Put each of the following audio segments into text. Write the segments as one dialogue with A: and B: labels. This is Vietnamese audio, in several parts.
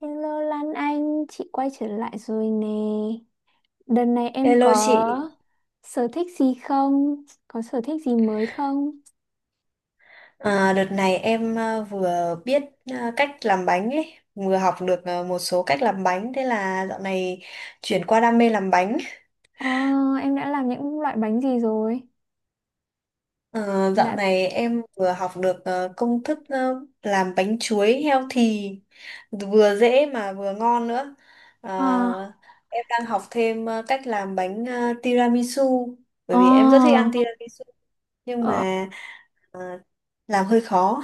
A: Hello Lan Anh, chị quay trở lại rồi nè. Đợt này em
B: Hello chị,
A: có sở thích gì không? Có sở thích gì mới không?
B: đợt này em vừa biết cách làm bánh ấy, vừa học được một số cách làm bánh, thế là dạo này chuyển qua đam mê làm bánh.
A: Ờ, em đã làm những loại bánh gì rồi?
B: Ờ, dạo
A: Đã...
B: này em vừa học được công thức làm bánh chuối healthy, vừa dễ mà vừa ngon nữa. À,
A: À,
B: em đang học thêm cách làm bánh tiramisu, bởi vì em rất thích ăn tiramisu, nhưng
A: ờ,
B: mà à, làm hơi khó.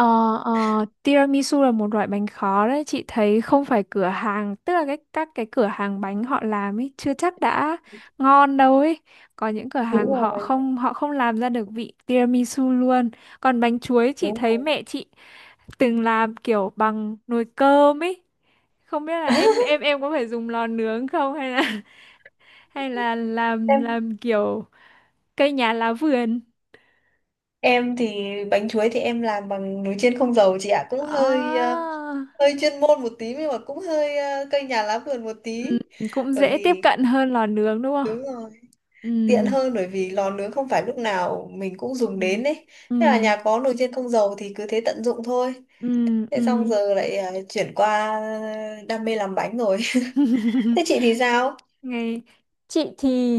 A: Ờ, tiramisu là một loại bánh khó đấy, chị thấy không phải cửa hàng, tức là các cửa hàng bánh họ làm ấy chưa chắc đã ngon đâu ấy. Có những cửa
B: Đúng
A: hàng họ
B: rồi,
A: không làm ra được vị tiramisu luôn. Còn bánh chuối, chị
B: đúng
A: thấy
B: rồi.
A: mẹ chị từng làm kiểu bằng nồi cơm ấy, không biết là em em em có phải dùng lò nướng không hay là hay là làm
B: Em
A: làm kiểu cây nhà lá vườn
B: Em thì bánh chuối thì em làm bằng nồi chiên không dầu chị ạ, cũng hơi
A: à.
B: hơi chuyên môn một tí nhưng mà cũng hơi cây nhà lá vườn một
A: Ừ,
B: tí.
A: cũng
B: Bởi
A: dễ tiếp
B: vì
A: cận hơn lò nướng đúng không?
B: đúng rồi,
A: Ừ,
B: tiện hơn bởi vì lò nướng không phải lúc nào mình cũng
A: Ừ.
B: dùng đến ấy.
A: ừ,
B: Thế là nhà có nồi chiên không dầu thì cứ thế tận dụng thôi.
A: ừ,
B: Thế xong
A: ừ.
B: giờ lại chuyển qua đam mê làm bánh rồi. Thế chị thì sao?
A: Ngày chị thì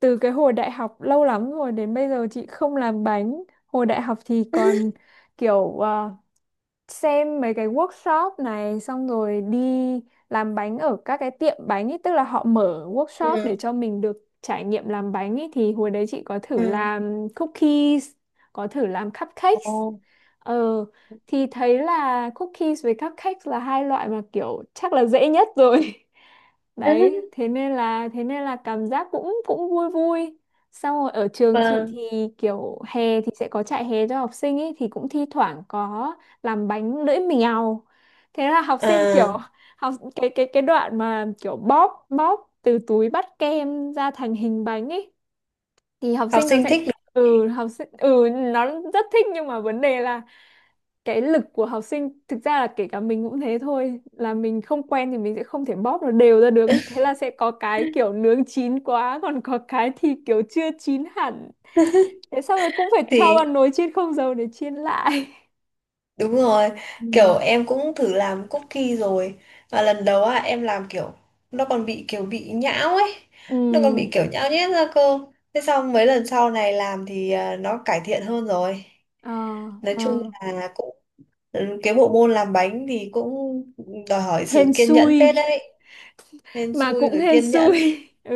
A: từ cái hồi đại học lâu lắm rồi đến bây giờ chị không làm bánh. Hồi đại học thì còn kiểu xem mấy cái workshop này xong rồi đi làm bánh ở các cái tiệm bánh ý, tức là họ mở workshop để
B: Ừ.
A: cho mình được trải nghiệm làm bánh ý. Thì hồi đấy chị có thử
B: Ừ.
A: làm cookies, có thử làm cupcakes.
B: Ồ.
A: Ờ, thì thấy là cookies với cupcakes là hai loại mà kiểu chắc là dễ nhất rồi. Đấy, thế nên là cảm giác cũng cũng vui vui. Xong rồi ở trường chị
B: Vâng.
A: thì kiểu hè thì sẽ có trại hè cho học sinh ấy, thì cũng thi thoảng có làm bánh lưỡi mèo. Thế là học sinh
B: À,
A: kiểu học cái đoạn mà kiểu bóp bóp từ túi bắt kem ra thành hình bánh ấy, thì học
B: học
A: sinh nó
B: sinh
A: sẽ,
B: thích đúng không chị?
A: ừ học sinh ừ nó rất thích, nhưng mà vấn đề là cái lực của học sinh, thực ra là kể cả mình cũng thế thôi, là mình không quen thì mình sẽ không thể bóp nó đều ra được ấy, thế là sẽ có cái kiểu nướng chín quá, còn có cái thì kiểu chưa chín hẳn, thế sau rồi cũng phải cho vào
B: Thì
A: nồi chiên không dầu để chiên lại.
B: đúng rồi,
A: Ừ.
B: kiểu em cũng thử làm cookie rồi. Và lần đầu á em làm kiểu nó còn bị kiểu bị nhão ấy,
A: ừ
B: nó còn bị kiểu nhão nhét ra cơ. Thế xong mấy lần sau này làm thì nó cải thiện hơn rồi.
A: ờ
B: Nói
A: ờ
B: chung là cũng ừ, cái bộ môn làm bánh thì cũng đòi hỏi
A: hên
B: sự kiên
A: xui,
B: nhẫn phết đấy. Hên
A: mà
B: xui
A: cũng
B: rồi
A: hên
B: kiên nhẫn.
A: xui ừ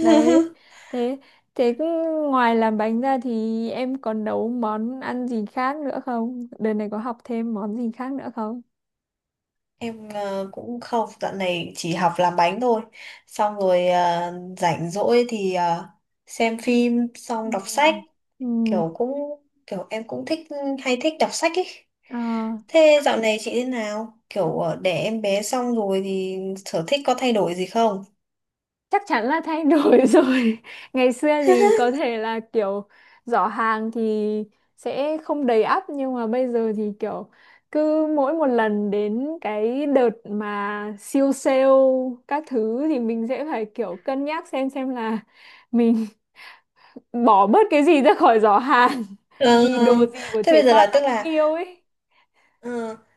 A: đấy. Thế thế cứ, ngoài làm bánh ra thì em còn nấu món ăn gì khác nữa không, đợt này có học thêm món gì khác nữa không?
B: Em cũng không, dạo này chỉ học làm bánh thôi. Xong rồi rảnh rỗi thì xem phim,
A: Ừ.
B: xong đọc sách,
A: Ừ.
B: kiểu cũng kiểu em cũng thích hay thích đọc sách ấy.
A: Ờ,
B: Thế dạo này chị thế nào? Kiểu đẻ em bé xong rồi thì sở thích có thay đổi gì không?
A: Chắc chắn là thay đổi rồi. Ngày xưa thì có thể là kiểu giỏ hàng thì sẽ không đầy ắp, nhưng mà bây giờ thì kiểu cứ mỗi một lần đến cái đợt mà siêu sale các thứ thì mình sẽ phải kiểu cân nhắc xem là mình bỏ bớt cái gì ra khỏi giỏ hàng
B: Ờ,
A: vì đồ gì của
B: thế
A: trẻ
B: bây giờ là
A: con nó
B: tức
A: cũng
B: là
A: yêu ấy.
B: ờ,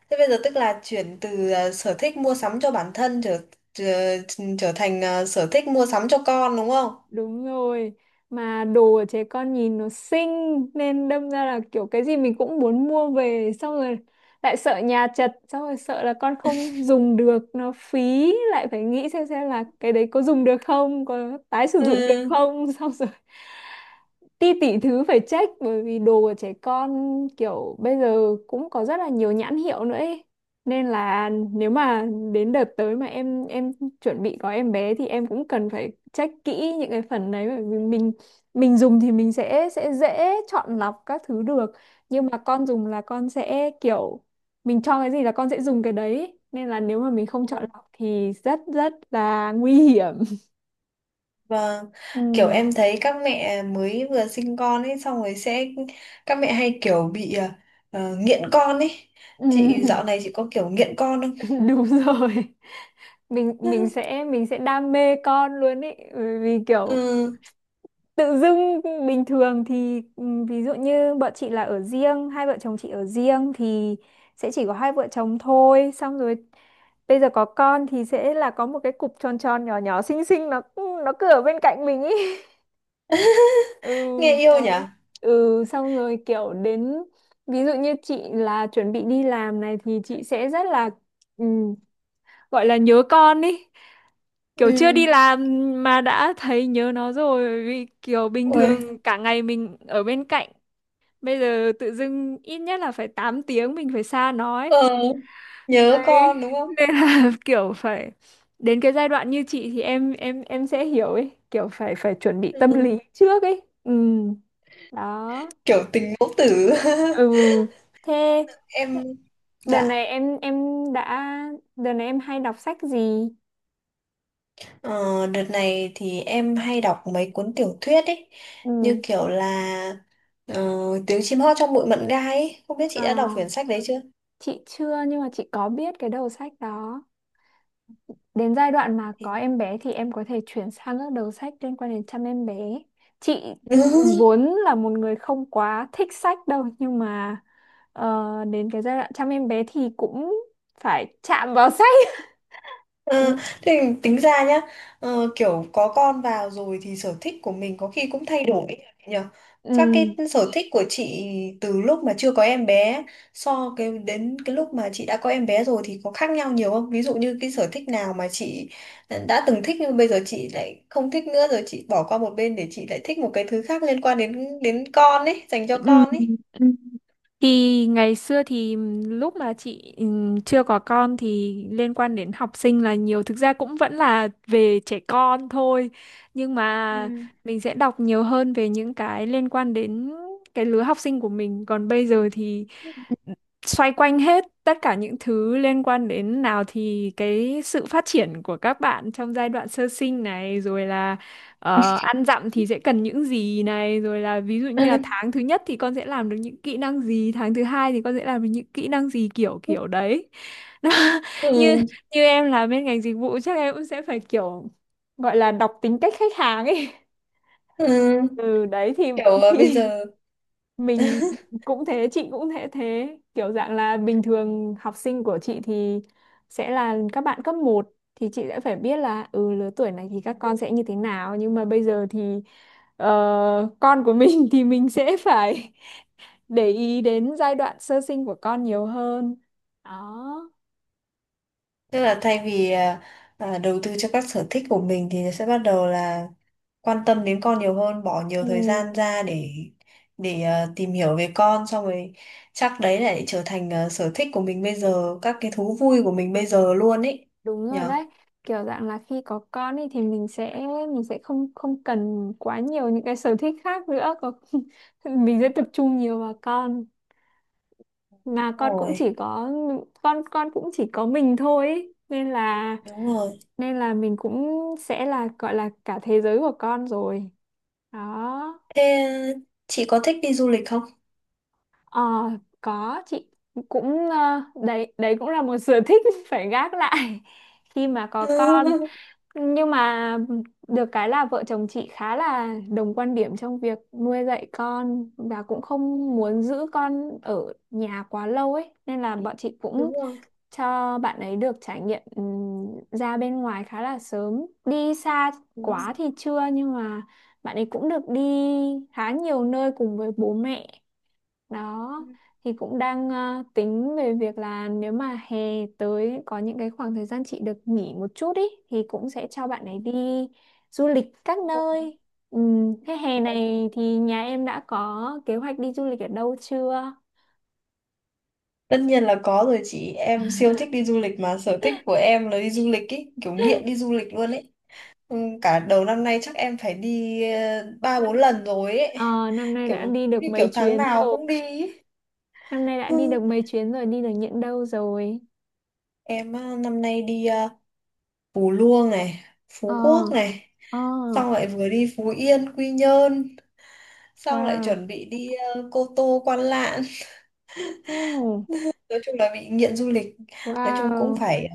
B: thế bây giờ tức là chuyển từ sở thích mua sắm cho bản thân trở trở, trở thành sở thích mua sắm cho con đúng không?
A: Đúng rồi, mà đồ của trẻ con nhìn nó xinh nên đâm ra là kiểu cái gì mình cũng muốn mua về, xong rồi lại sợ nhà chật, xong rồi sợ là con không dùng được nó phí, lại phải nghĩ xem là cái đấy có dùng được không, có tái sử dụng được không xong rồi ti tỷ thứ phải check, bởi vì đồ của trẻ con kiểu bây giờ cũng có rất là nhiều nhãn hiệu nữa ấy. Nên là nếu mà đến đợt tới mà em chuẩn bị có em bé thì em cũng cần phải check kỹ những cái phần đấy, bởi vì mình dùng thì mình sẽ dễ chọn lọc các thứ được, nhưng mà con dùng là con sẽ kiểu mình cho cái gì là con sẽ dùng cái đấy, nên là nếu mà mình không chọn
B: Ừ.
A: lọc thì rất rất là nguy hiểm.
B: Vâng,
A: Ừ.
B: kiểu em thấy các mẹ mới vừa sinh con ấy xong rồi sẽ các mẹ hay kiểu bị nghiện con ấy.
A: Ừ.
B: Chị dạo này chị có kiểu nghiện con không?
A: Đúng rồi, mình mình sẽ mình sẽ đam mê con luôn ý, bởi vì kiểu
B: Ừ,
A: tự dưng bình thường thì ví dụ như bọn chị là ở riêng, hai vợ chồng chị ở riêng thì sẽ chỉ có hai vợ chồng thôi, xong rồi bây giờ có con thì sẽ là có một cái cục tròn tròn nhỏ nhỏ xinh xinh nó, ừ, nó cứ ở bên cạnh mình ý. ừ
B: nghe yêu nhỉ?
A: đấy ừ, xong rồi kiểu đến ví dụ như chị là chuẩn bị đi làm này thì chị sẽ rất là ừm, gọi là nhớ con ý, kiểu chưa
B: Ừ.
A: đi làm mà đã thấy nhớ nó rồi, vì kiểu bình
B: Ôi,
A: thường cả ngày mình ở bên cạnh, bây giờ tự dưng ít nhất là phải 8 tiếng mình phải xa nó ấy.
B: ờ, nhớ
A: Đấy,
B: con đúng không?
A: nên là kiểu phải đến cái giai đoạn như chị thì em sẽ hiểu ấy, kiểu phải phải chuẩn bị tâm
B: Ừ.
A: lý trước ấy. Ừ đó
B: Kiểu tình mẫu tử.
A: ừ. Thế
B: Em
A: đợt
B: dạ,
A: này em đã đợt này em hay đọc sách gì?
B: ờ, đợt này thì em hay đọc mấy cuốn tiểu thuyết ấy, như
A: Ừ
B: kiểu là ờ, Tiếng chim hót trong bụi mận gai ấy. Không biết chị
A: à.
B: đã đọc quyển sách đấy chưa?
A: Chị chưa, nhưng mà chị có biết cái đầu sách đó. Đến giai đoạn mà có
B: Thì...
A: em bé thì em có thể chuyển sang các đầu sách liên quan đến chăm em bé. Chị vốn là một người không quá thích sách đâu, nhưng mà đến cái giai đoạn chăm em bé thì cũng phải chạm vào sách.
B: Ờ,
A: Ừ,
B: thì tính ra nhá kiểu có con vào rồi thì sở thích của mình có khi cũng thay đổi ấy nhỉ. Các cái
A: ừ,
B: sở thích của chị từ lúc mà chưa có em bé so cái đến cái lúc mà chị đã có em bé rồi thì có khác nhau nhiều không, ví dụ như cái sở thích nào mà chị đã từng thích nhưng bây giờ chị lại không thích nữa rồi chị bỏ qua một bên để chị lại thích một cái thứ khác liên quan đến đến con ấy dành cho
A: Ừ.
B: con ấy.
A: ừ. Thì ngày xưa thì lúc mà chị chưa có con thì liên quan đến học sinh là nhiều, thực ra cũng vẫn là về trẻ con thôi, nhưng mà
B: Ừ.
A: mình sẽ đọc nhiều hơn về những cái liên quan đến cái lứa học sinh của mình. Còn bây giờ thì xoay quanh hết tất cả những thứ liên quan đến, nào thì cái sự phát triển của các bạn trong giai đoạn sơ sinh này, rồi là ăn dặm thì sẽ cần những gì này, rồi là ví dụ như là tháng thứ nhất thì con sẽ làm được những kỹ năng gì, tháng thứ hai thì con sẽ làm được những kỹ năng gì, kiểu kiểu đấy. Nó, như
B: Ừ.
A: như em là bên ngành dịch vụ chắc em cũng sẽ phải kiểu gọi là đọc tính cách khách hàng ấy.
B: Ừ,
A: ừ đấy
B: kiểu bây
A: thì
B: giờ.
A: mình cũng thế, chị cũng thế, thế kiểu dạng là bình thường học sinh của chị thì sẽ là các bạn cấp một thì chị sẽ phải biết là ừ lứa tuổi này thì các con sẽ như thế nào, nhưng mà bây giờ thì con của mình thì mình sẽ phải để ý đến giai đoạn sơ sinh của con nhiều hơn. Đó
B: Tức là thay vì đầu tư cho các sở thích của mình thì sẽ bắt đầu là quan tâm đến con nhiều hơn, bỏ nhiều thời
A: ừ,
B: gian ra để tìm hiểu về con xong rồi chắc đấy lại trở thành sở thích của mình bây giờ, các cái thú vui của mình bây giờ luôn ấy.
A: đúng rồi
B: Nhở?
A: đấy, kiểu dạng là khi có con ấy thì mình sẽ không không cần quá nhiều những cái sở thích khác nữa, có mình
B: Ừ.
A: sẽ tập trung nhiều vào con, mà
B: Đúng
A: con cũng
B: rồi,
A: chỉ có con cũng chỉ có mình thôi ý. Nên là
B: đúng rồi.
A: mình cũng sẽ là, gọi là cả thế giới của con rồi. Đó
B: Thế à, chị có thích đi du lịch không?
A: ờ, có, chị cũng đấy, đấy cũng là một sở thích phải gác lại khi mà có con, nhưng mà được cái là vợ chồng chị khá là đồng quan điểm trong việc nuôi dạy con, và cũng
B: Ừ.
A: không muốn giữ con ở nhà quá lâu ấy, nên là bọn chị cũng
B: Đúng rồi,
A: cho bạn ấy được trải nghiệm ra bên ngoài khá là sớm. Đi xa
B: đúng
A: quá
B: rồi.
A: thì chưa, nhưng mà bạn ấy cũng được đi khá nhiều nơi cùng với bố mẹ. Đó
B: Ừ.
A: thì cũng đang tính về việc là nếu mà hè tới có những cái khoảng thời gian chị được nghỉ một chút ý, thì cũng sẽ cho bạn ấy đi du lịch các
B: Đúng
A: nơi. Thế hè
B: rồi.
A: này thì nhà em đã có kế hoạch đi du lịch ở đâu chưa?
B: Tất nhiên là có rồi chị, em siêu thích đi du lịch mà sở thích của em là đi du lịch ý, kiểu nghiện đi du lịch luôn ấy. Ừ, cả đầu năm nay chắc em phải đi ba bốn
A: Năm-
B: lần rồi ấy,
A: Ờ, năm nay đã
B: kiểu
A: đi được
B: như kiểu
A: mấy
B: tháng
A: chuyến
B: nào
A: rồi.
B: cũng đi ý.
A: Năm nay đã đi
B: Ừ.
A: được mấy chuyến rồi, đi được những đâu rồi?
B: Em năm nay đi Phú Luông này,
A: Ờ,
B: Phú Quốc này,
A: ờ,
B: xong lại vừa đi Phú Yên, Quy Nhơn, xong lại
A: wow,
B: chuẩn bị đi Cô Tô, Quan Lạn.
A: oh,
B: Nói chung là bị nghiện du lịch, nói chung
A: wow.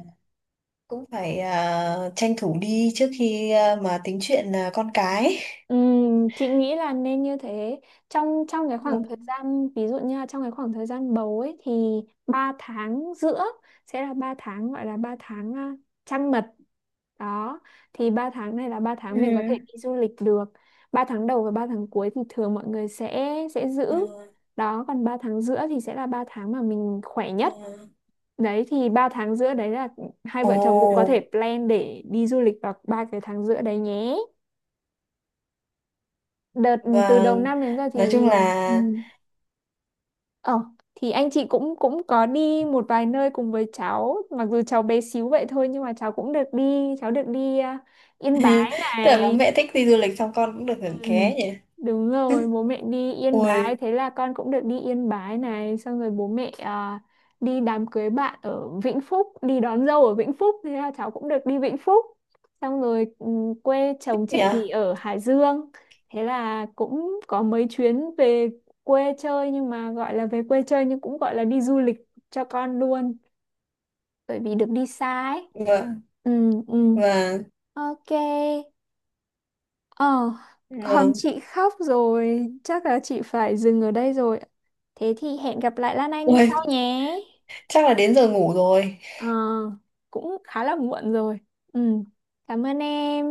B: cũng phải tranh thủ đi trước khi mà tính chuyện con cái.
A: Chị nghĩ là nên như thế. Trong trong cái khoảng thời gian, ví dụ như là trong cái khoảng thời gian bầu ấy, thì 3 tháng giữa sẽ là 3 tháng, gọi là 3 tháng trăng mật. Đó, thì 3 tháng này là 3
B: Ừ.
A: tháng mình có thể đi du lịch được. 3 tháng đầu và ba tháng cuối thì thường mọi người sẽ giữ.
B: Ờ,
A: Đó, còn 3 tháng giữa thì sẽ là 3 tháng mà mình khỏe nhất.
B: ờ.
A: Đấy thì 3 tháng giữa đấy là hai
B: Ồ,
A: vợ chồng cũng có thể plan để đi du lịch vào ba cái tháng giữa đấy nhé. Đợt từ đầu
B: vâng.
A: năm đến giờ
B: Nói
A: thì
B: chung là
A: ừ. ờ thì anh chị cũng cũng có đi một vài nơi cùng với cháu, mặc dù cháu bé xíu vậy thôi nhưng mà cháu cũng được đi, cháu được đi Yên Bái
B: tức là bố
A: này,
B: mẹ thích đi du lịch xong con cũng được hưởng
A: Ừ,
B: ké nhỉ.
A: đúng rồi, bố mẹ đi Yên Bái,
B: Ui,
A: thế là con cũng được đi Yên Bái này, xong rồi bố mẹ đi đám cưới bạn ở Vĩnh Phúc, đi đón dâu ở Vĩnh Phúc, thế là cháu cũng được đi Vĩnh Phúc. Xong rồi ừ, quê chồng
B: thế nhỉ?
A: chị thì ở Hải Dương, thế là cũng có mấy chuyến về quê chơi, nhưng mà gọi là về quê chơi nhưng cũng gọi là đi du lịch cho con luôn, bởi vì được đi xa ấy.
B: Vâng,
A: Ừ, ừ,
B: vâng,
A: ok. Ờ, còn
B: vâng.
A: chị khóc rồi, chắc là chị phải dừng ở đây rồi. Thế thì hẹn gặp lại Lan Anh
B: Ui,
A: sau nhé.
B: chắc là đến giờ ngủ rồi.
A: Ờ, cũng khá là muộn rồi. Ừ, cảm ơn em.